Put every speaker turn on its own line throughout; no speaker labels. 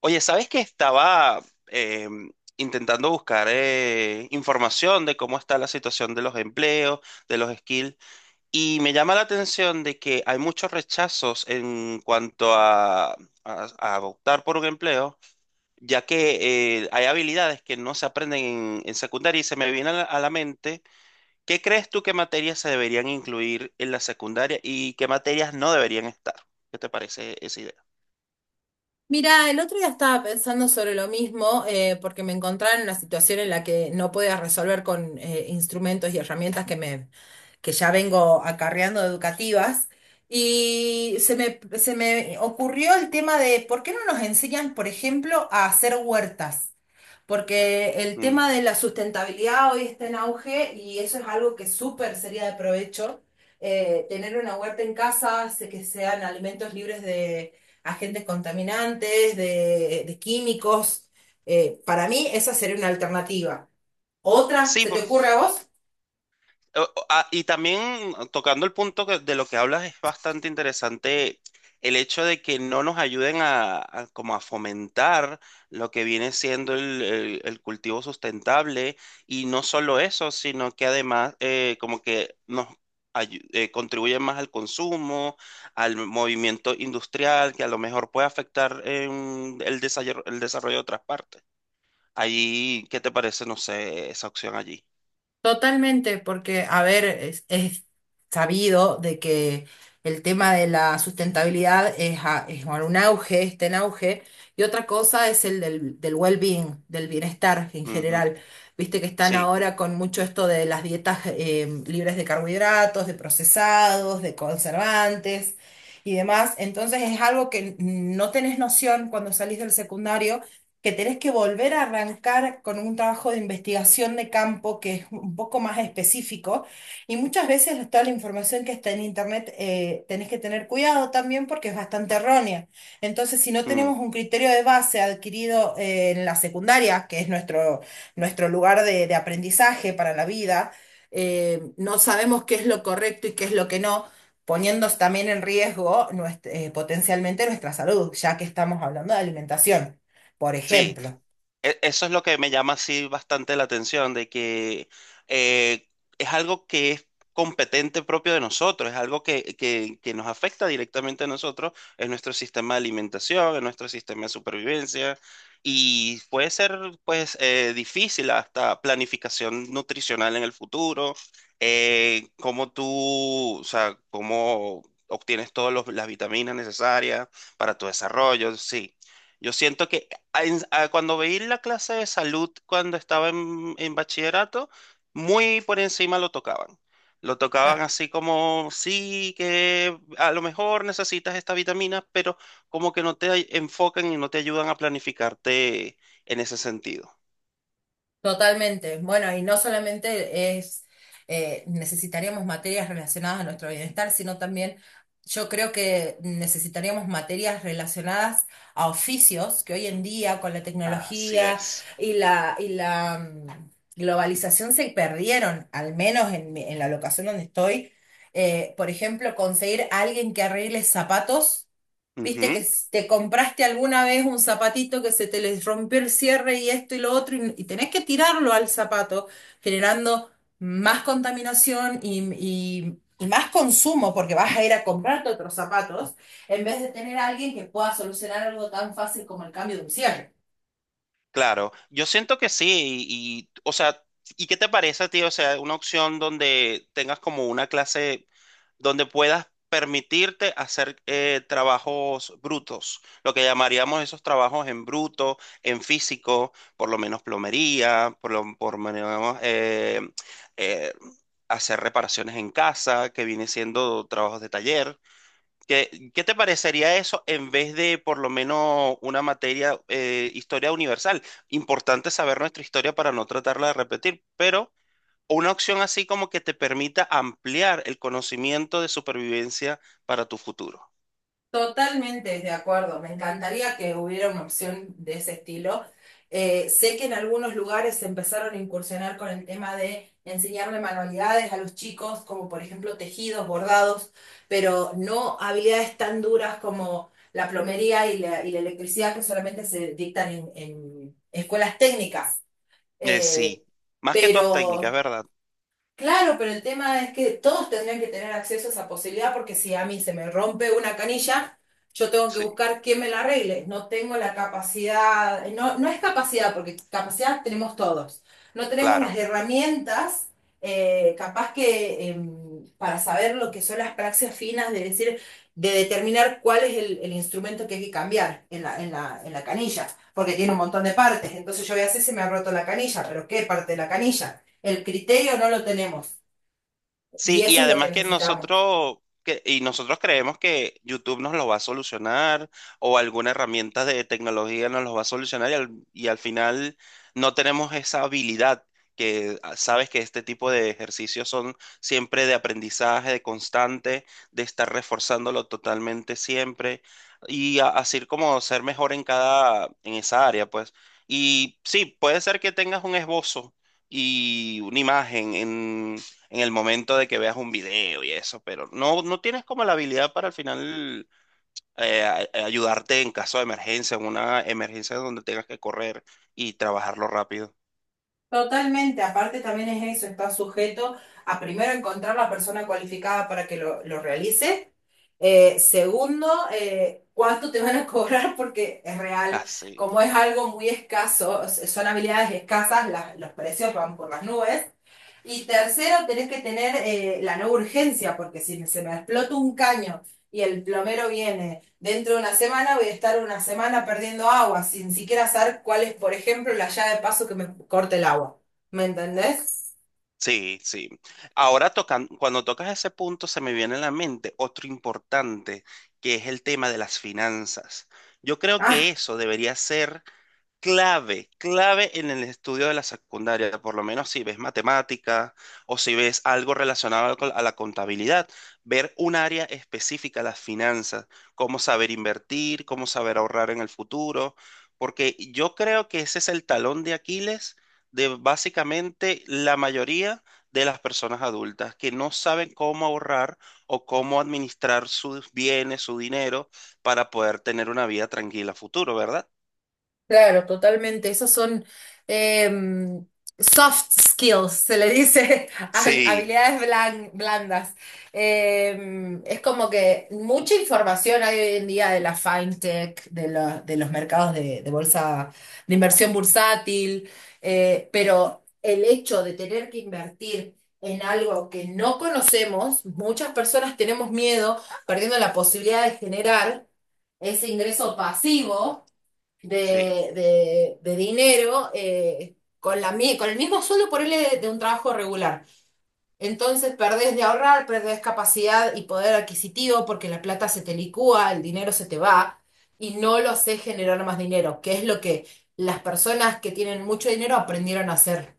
Oye, ¿sabes que estaba eh, intentando buscar información de cómo está la situación de los empleos, de los skills? Y me llama la atención de que hay muchos rechazos en cuanto a optar por un empleo, ya que hay habilidades que no se aprenden en secundaria y se me viene a a la mente, ¿qué crees tú que materias se deberían incluir en la secundaria y qué materias no deberían estar? ¿Qué te parece esa idea?
Mira, el otro día estaba pensando sobre lo mismo, porque me encontraba en una situación en la que no podía resolver con instrumentos y herramientas que ya vengo acarreando educativas. Y se me ocurrió el tema de por qué no nos enseñan, por ejemplo, a hacer huertas porque el
Mm.
tema de la sustentabilidad hoy está en auge y eso es algo que súper sería de provecho. Tener una huerta en casa hace que sean alimentos libres de agentes contaminantes, de químicos. Para mí esa sería una alternativa. ¿Otra?
Sí.
¿Se te ocurre a vos?
Y también tocando el de lo que hablas es bastante interesante, el hecho de que no nos ayuden a como a fomentar lo que viene siendo el cultivo sustentable, y no solo eso, sino que además como que nos contribuyen más al consumo, al movimiento industrial que a lo mejor puede afectar en el desarrollo de otras partes. Ahí, ¿qué te parece, no sé, esa opción allí?
Totalmente, porque, a ver, es sabido de que el tema de la sustentabilidad es, es bueno, un auge, está en auge, y otra cosa es el del well-being, del bienestar en
Ujú.
general. Viste que están
Sí.
ahora con mucho esto de las dietas libres de carbohidratos, de procesados, de conservantes y demás. Entonces es algo que no tenés noción cuando salís del secundario que tenés que volver a arrancar con un trabajo de investigación de campo que es un poco más específico y muchas veces toda la información que está en internet tenés que tener cuidado también porque es bastante errónea. Entonces, si no
Mm,
tenemos un criterio de base adquirido en la secundaria, nuestro lugar de aprendizaje para la vida, no sabemos qué es lo correcto y qué es lo que no, poniendo también en riesgo potencialmente nuestra salud, ya que estamos hablando de alimentación, por
sí.
ejemplo.
E- eso es lo que me llama así bastante la atención, de que eh, es algo que es competente propio de nosotros, es algo que, que nos afecta directamente a nosotros, en nuestro sistema de alimentación, en nuestro sistema de supervivencia, y puede ser pues difícil hasta planificación nutricional en el futuro, cómo tú, o sea, cómo obtienes todas las vitaminas necesarias para tu desarrollo, sí. Yo siento que cuando veí la clase de salud cuando estaba en bachillerato, muy por encima lo tocaban. Lo tocaban
Claro.
así como, sí, que a lo mejor necesitas esta vitamina, pero como que no te enfocan y no te ayudan a planificarte en ese sentido.
Totalmente. Bueno, y no solamente es necesitaríamos materias relacionadas a nuestro bienestar, sino también yo creo que necesitaríamos materias relacionadas a oficios que hoy en día con la
Así
tecnología
es.
y la globalización se perdieron, al menos en, en la locación donde estoy. Por ejemplo, conseguir a alguien que arregle zapatos. Viste que te compraste alguna vez un zapatito que se te les rompió el cierre y esto y lo otro y tenés que tirarlo al zapato, generando más contaminación y, y más consumo porque vas a ir a comprarte otros zapatos en vez de tener a alguien que pueda solucionar algo tan fácil como el cambio de un cierre.
Claro, yo siento que sí, y, o sea, ¿y qué te parece tío? O sea, una opción donde tengas como una clase donde puedas permitirte hacer trabajos brutos, lo que llamaríamos esos trabajos en bruto, en físico, por lo menos plomería, por lo menos eh, hacer reparaciones en casa, que viene siendo trabajos de taller. ¿Qué, qué te parecería eso en vez de por lo menos una materia, historia universal? Importante saber nuestra historia para no tratarla de repetir, pero una opción así como que te permita ampliar el conocimiento de supervivencia para tu futuro.
Totalmente de acuerdo, me encantaría que hubiera una opción de ese estilo. Sé que en algunos lugares se empezaron a incursionar con el tema de enseñarle manualidades a los chicos, como por ejemplo tejidos, bordados, pero no habilidades tan duras como la plomería y la electricidad, que solamente se dictan en escuelas técnicas. Eh,
Sí, más que todas técnicas,
pero
¿verdad?
claro, pero el tema es que todos tendrían que tener acceso a esa posibilidad porque si a mí se me rompe una canilla, yo tengo que
Sí,
buscar quién me la arregle. No tengo la capacidad, no, no es capacidad, porque capacidad tenemos todos. No tenemos las
claro.
herramientas, capaz que para saber lo que son las praxias finas, de decir, de determinar cuál es el instrumento que hay que cambiar en en la canilla, porque tiene un montón de partes. Entonces yo voy a decir, se me ha roto la canilla, pero ¿qué parte de la canilla? El criterio no lo tenemos, y
Sí, y
eso es lo que
además que
necesitamos.
nosotros, que, y nosotros creemos que YouTube nos lo va a solucionar o alguna herramienta de tecnología nos lo va a solucionar y y al final no tenemos esa habilidad que sabes que este tipo de ejercicios son siempre de aprendizaje, de constante, de estar reforzándolo totalmente siempre y así como ser mejor en cada, en esa área, pues. Y sí, puede ser que tengas un esbozo y una imagen en el momento de que veas un video y eso, pero no, no tienes como la habilidad para al final ayudarte en caso de emergencia, en una emergencia donde tengas que correr y trabajarlo rápido.
Totalmente, aparte también es eso, está sujeto a primero encontrar la persona cualificada para que lo realice, segundo, cuánto te van a cobrar porque es real,
Así.
como es algo muy escaso, son habilidades escasas, los precios van por las nubes. Y tercero, tenés que tener la no urgencia, porque si se me explota un caño y el plomero viene dentro de una semana, voy a estar una semana perdiendo agua, sin siquiera saber cuál es, por ejemplo, la llave de paso que me corta el agua. ¿Me entendés?
Sí, sí, sí. Ahora tocan, cuando tocas ese punto se me viene a la mente otro importante, que es el tema de las finanzas. Yo creo que eso debería ser clave, clave en el estudio de la secundaria, por lo menos si ves matemática o si ves algo relacionado a la contabilidad, ver un área específica, las finanzas, cómo saber invertir, cómo saber ahorrar en el futuro, porque yo creo que ese es el talón de Aquiles de básicamente la mayoría de las personas adultas que no saben cómo ahorrar o cómo administrar sus bienes, su dinero para poder tener una vida tranquila a futuro, ¿verdad?
Claro, totalmente. Esos son em, soft skills, se le dice,
Sí.
habilidades blandas. Em, es como que mucha información hay hoy en día de la fintech, de los mercados de bolsa, de inversión bursátil, pero el hecho de tener que invertir en algo que no conocemos, muchas personas tenemos miedo, perdiendo la posibilidad de generar ese ingreso pasivo
Sí,
de, de dinero con con el mismo sueldo por él de un trabajo regular. Entonces perdés de ahorrar, perdés capacidad y poder adquisitivo porque la plata se te licúa, el dinero se te va y no lo sé generar más dinero, que es lo que las personas que tienen mucho dinero aprendieron a hacer.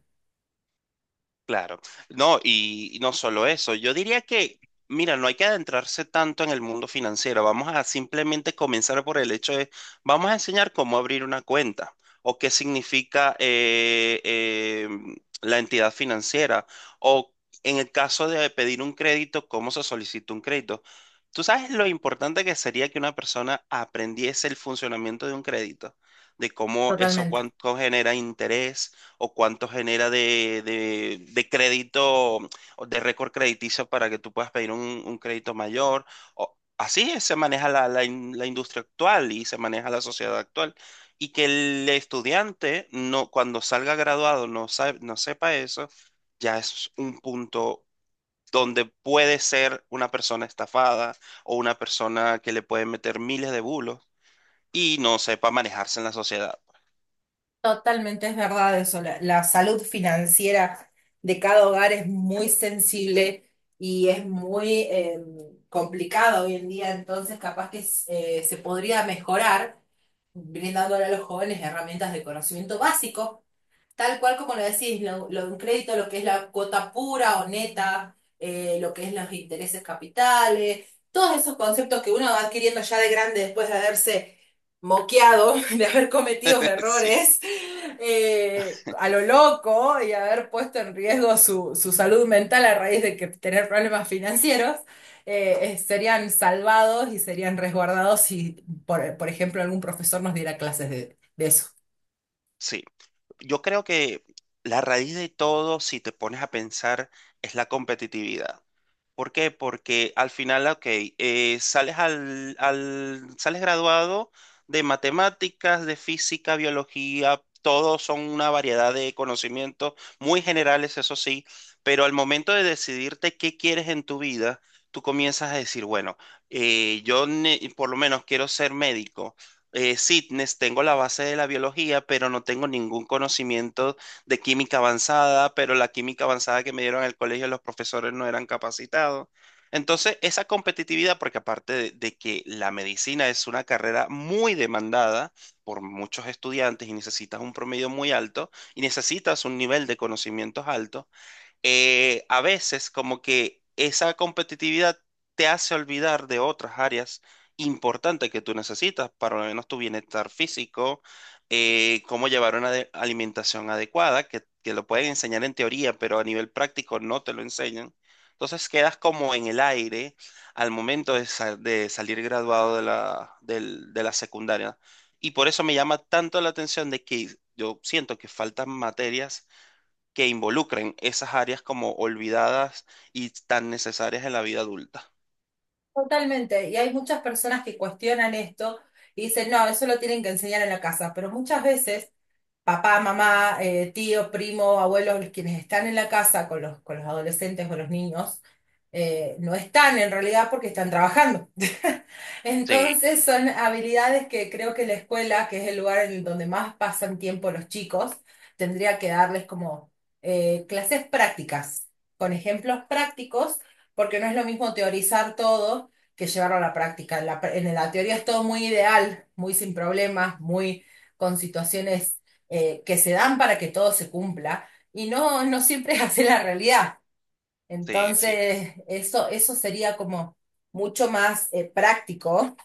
claro. No, y no solo eso, yo diría que, mira, no hay que adentrarse tanto en el mundo financiero, vamos a simplemente comenzar por el hecho de, vamos a enseñar cómo abrir una cuenta o qué significa la entidad financiera o en el caso de pedir un crédito, cómo se solicita un crédito. ¿Tú sabes lo importante que sería que una persona aprendiese el funcionamiento de un crédito? De cómo eso
Totalmente.
cuánto genera interés o cuánto genera de crédito, o de récord crediticio para que tú puedas pedir un crédito mayor. Así es, se maneja la industria actual y se maneja la sociedad actual. Y que el estudiante, no, cuando salga graduado, no, no sepa eso, ya es un punto donde puede ser una persona estafada o una persona que le puede meter miles de bulos y no sepa manejarse en la sociedad.
Totalmente es verdad eso. La salud financiera de cada hogar es muy sensible y es muy complicada hoy en día. Entonces, capaz que se podría mejorar brindándole a los jóvenes herramientas de conocimiento básico tal cual como lo decís, lo de un crédito, lo que es la cuota pura o neta, lo que es los intereses capitales, todos esos conceptos que uno va adquiriendo ya de grande después de haberse moqueado, de haber cometido
Sí,
errores a lo loco y haber puesto en riesgo su, su salud mental a raíz de que tener problemas financieros. Serían salvados y serían resguardados si, por ejemplo, algún profesor nos diera clases de eso.
sí. Yo creo que la raíz de todo, si te pones a pensar, es la competitividad. ¿Por qué? Porque al final, ok, sales sales graduado de matemáticas, de física, biología, todos son una variedad de conocimientos muy generales, eso sí, pero al momento de decidirte qué quieres en tu vida, tú comienzas a decir, bueno, yo por lo menos quiero ser médico. Sí, tengo la base de la biología, pero no tengo ningún conocimiento de química avanzada, pero la química avanzada que me dieron en el colegio los profesores no eran capacitados. Entonces, esa competitividad, porque aparte de que la medicina es una carrera muy demandada por muchos estudiantes y necesitas un promedio muy alto y necesitas un nivel de conocimientos alto, a veces como que esa competitividad te hace olvidar de otras áreas importantes que tú necesitas, para lo menos tu bienestar físico, cómo llevar una alimentación adecuada, que lo pueden enseñar en teoría, pero a nivel práctico no te lo enseñan. Entonces quedas como en el aire al momento de, de salir graduado de de la secundaria. Y por eso me llama tanto la atención de que yo siento que faltan materias que involucren esas áreas como olvidadas y tan necesarias en la vida adulta.
Totalmente, y hay muchas personas que cuestionan esto y dicen, no, eso lo tienen que enseñar en la casa, pero muchas veces papá, mamá, tío, primo, abuelos, quienes están en la casa con los adolescentes o los niños, no están en realidad porque están trabajando.
Sí,
Entonces son habilidades que creo que la escuela, que es el lugar en el donde más pasan tiempo los chicos, tendría que darles como clases prácticas, con ejemplos prácticos, porque no es lo mismo teorizar todo que llevarlo a la práctica. En la, en la teoría es todo muy ideal, muy sin problemas, muy con situaciones que se dan para que todo se cumpla y no, no siempre es así la realidad.
sí, sí,
Entonces, eso sería como mucho más práctico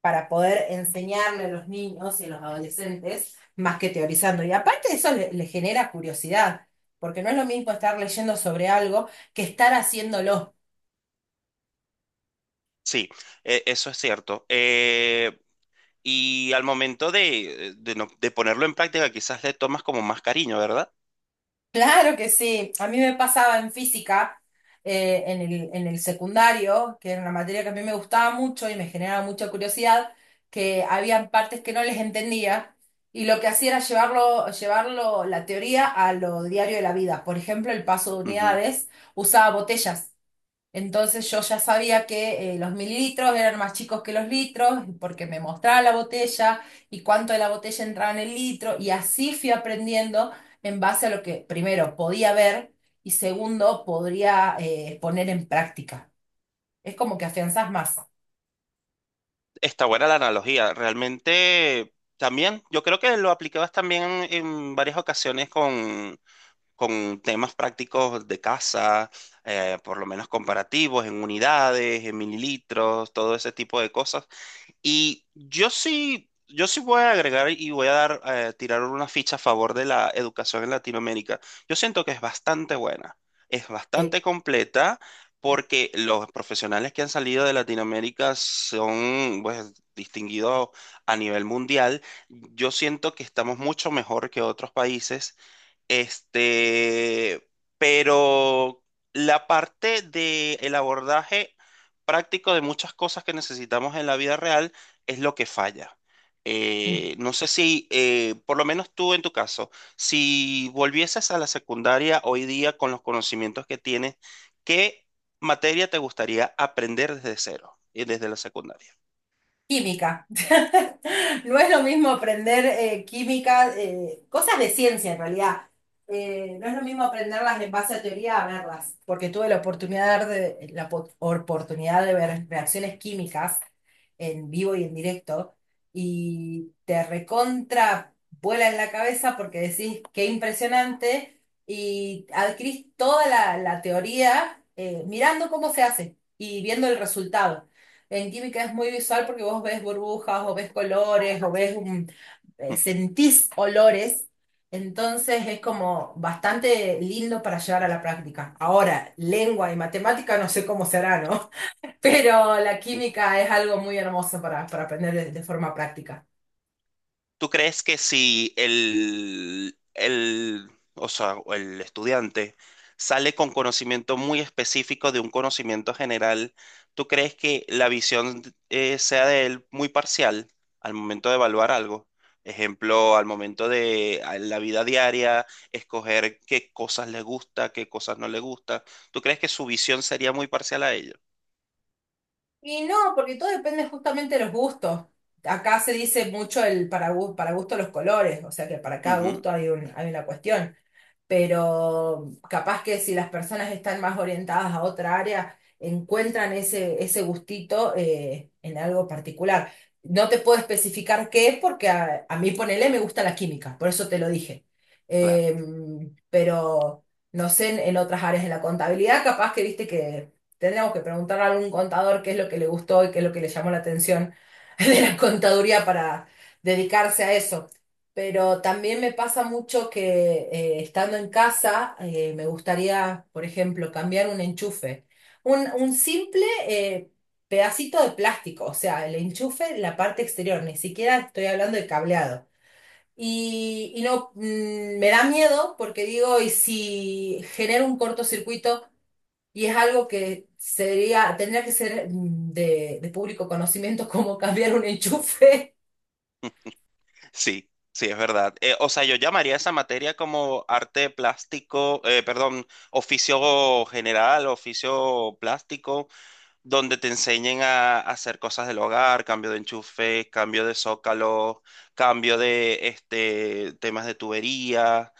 para poder enseñarle a los niños y a los adolescentes más que teorizando. Y aparte eso le genera curiosidad, porque no es lo mismo estar leyendo sobre algo que estar haciéndolo.
sí, e- eso es cierto. Y al momento de, de ponerlo en práctica, quizás le tomas como más cariño, ¿verdad?
Claro que sí. A mí me pasaba en física, en en el secundario, que era una materia que a mí me gustaba mucho y me generaba mucha curiosidad, que había partes que no les entendía y lo que hacía era llevarlo la teoría a lo diario de la vida. Por ejemplo, el paso de
Ujú.
unidades usaba botellas. Entonces yo ya sabía que los mililitros eran más chicos que los litros porque me mostraba la botella y cuánto de la botella entraba en el litro y así fui aprendiendo en base a lo que primero podía ver y segundo podría poner en práctica. Es como que afianzás más.
Está buena la analogía. Realmente también, yo creo que lo aplicabas también en varias ocasiones con temas prácticos de casa, por lo menos comparativos, en unidades, en mililitros, todo ese tipo de cosas. Y yo sí, yo sí voy a agregar y voy a dar, tirar una ficha a favor de la educación en Latinoamérica. Yo siento que es bastante buena, es
Sí.
bastante completa, porque los profesionales que han salido de Latinoamérica son, pues, distinguidos a nivel mundial. Yo siento que estamos mucho mejor que otros países este, pero la parte de el abordaje práctico de muchas cosas que necesitamos en la vida real es lo que falla. No sé si, por lo menos tú en tu caso, si volvieses a la secundaria hoy día con los conocimientos que tienes, ¿qué materia te gustaría aprender desde cero y desde la secundaria?
Química. No es lo mismo aprender química, cosas de ciencia en realidad. No es lo mismo aprenderlas en base a teoría a verlas, porque tuve la oportunidad de la oportunidad de ver reacciones químicas en vivo y en directo y te recontra vuela en la cabeza porque decís qué impresionante y adquirís toda la teoría mirando cómo se hace y viendo el resultado. En química es muy visual porque vos ves burbujas o ves colores o ves sentís olores, entonces es como bastante lindo para llevar a la práctica. Ahora, lengua y matemática no sé cómo será, ¿no? Pero la química es algo muy hermoso para aprender de forma práctica.
¿Tú crees que si o sea, o el estudiante sale con conocimiento muy específico de un conocimiento general, ¿tú crees que la visión sea de él muy parcial al momento de evaluar algo? Ejemplo, al momento de a la vida diaria, escoger qué cosas le gusta, qué cosas no le gusta. ¿Tú crees que su visión sería muy parcial a ello?
Y no, porque todo depende justamente de los gustos. Acá se dice mucho el para, para gusto los colores, o sea que para cada
Ujú,
gusto hay un, hay una cuestión. Pero capaz que si las personas están más orientadas a otra área, encuentran ese gustito en algo particular. No te puedo especificar qué es porque a mí, ponele, me gusta la química, por eso te lo dije.
claro.
Eh, pero no sé, en otras áreas de la contabilidad, capaz que viste que tendríamos que preguntarle a algún contador qué es lo que le gustó y qué es lo que le llamó la atención de la contaduría para dedicarse a eso. Pero también me pasa mucho que estando en casa me gustaría, por ejemplo, cambiar un enchufe. Un simple eh, pedacito de plástico, o sea, el enchufe, la parte exterior, ni siquiera estoy hablando de cableado. Y no, me da miedo porque digo, ¿y si genera un cortocircuito y es algo que sería, tendría que ser de público conocimiento como cambiar un enchufe?
Sí, sí, es verdad. O sea, yo llamaría esa materia como arte plástico, perdón, oficio general, oficio plástico, donde te enseñen a hacer cosas del hogar, cambio de enchufe, cambio de zócalo, cambio de este, temas de tubería,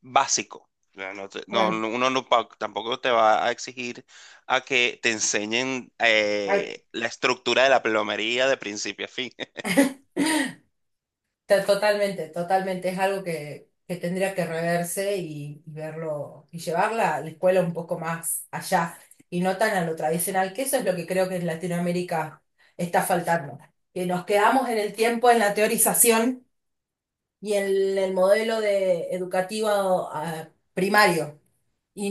básico. Ya no, no,
Claro.
uno no tampoco te va a exigir a que te enseñen la estructura de la plomería de principio a fin.
Totalmente, totalmente. Es algo que tendría que reverse y verlo y llevarla a la escuela un poco más allá y no tan a lo tradicional, que eso es lo que creo que en Latinoamérica está faltando. Que nos quedamos en el tiempo, en la teorización y en el modelo de educativo primario. Y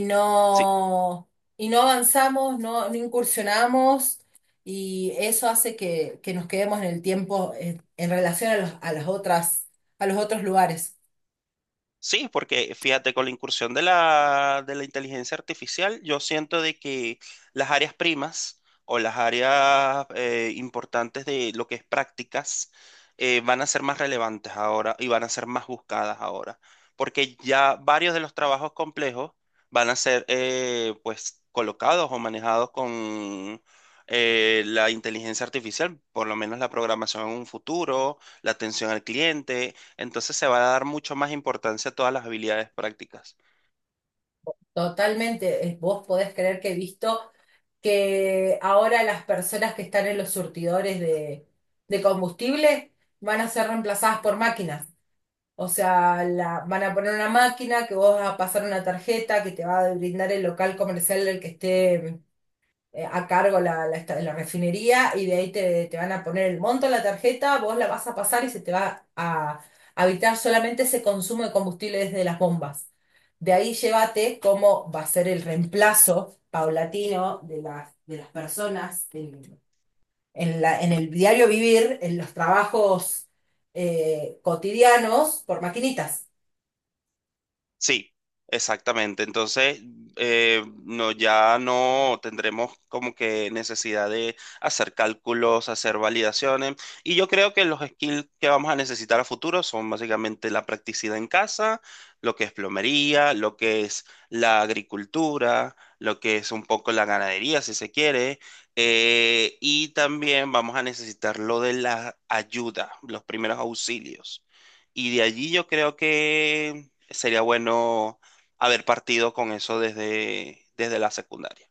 Sí.
no, y no avanzamos, no, no incursionamos, y eso hace que nos quedemos en el tiempo en relación a a las otras, a los otros lugares.
Sí, porque fíjate, con la incursión de de la inteligencia artificial, yo siento de que las áreas primas o las áreas importantes de lo que es prácticas van a ser más relevantes ahora y van a ser más buscadas ahora, porque ya varios de los trabajos complejos van a ser pues colocados o manejados con la inteligencia artificial, por lo menos la programación en un futuro, la atención al cliente, entonces se va a dar mucho más importancia a todas las habilidades prácticas.
Totalmente, vos podés creer que he visto que ahora las personas que están en los surtidores de combustible van a ser reemplazadas por máquinas. O sea, van a poner una máquina que vos vas a pasar una tarjeta que te va a brindar el local comercial del que esté a cargo la refinería y de ahí te van a poner el monto en la tarjeta, vos la vas a pasar y se te va a habitar solamente ese consumo de combustible desde las bombas. De ahí llévate cómo va a ser el reemplazo paulatino de las personas en la, en el diario vivir, en los trabajos cotidianos por maquinitas.
Sí, exactamente. Entonces, no, ya no tendremos como que necesidad de hacer cálculos, hacer validaciones. Y yo creo que los skills que vamos a necesitar a futuro son básicamente la practicidad en casa, lo que es plomería, lo que es la agricultura, lo que es un poco la ganadería, si se quiere. Y también vamos a necesitar lo de la ayuda, los primeros auxilios. Y de allí yo creo que sería bueno haber partido con eso desde, desde la secundaria.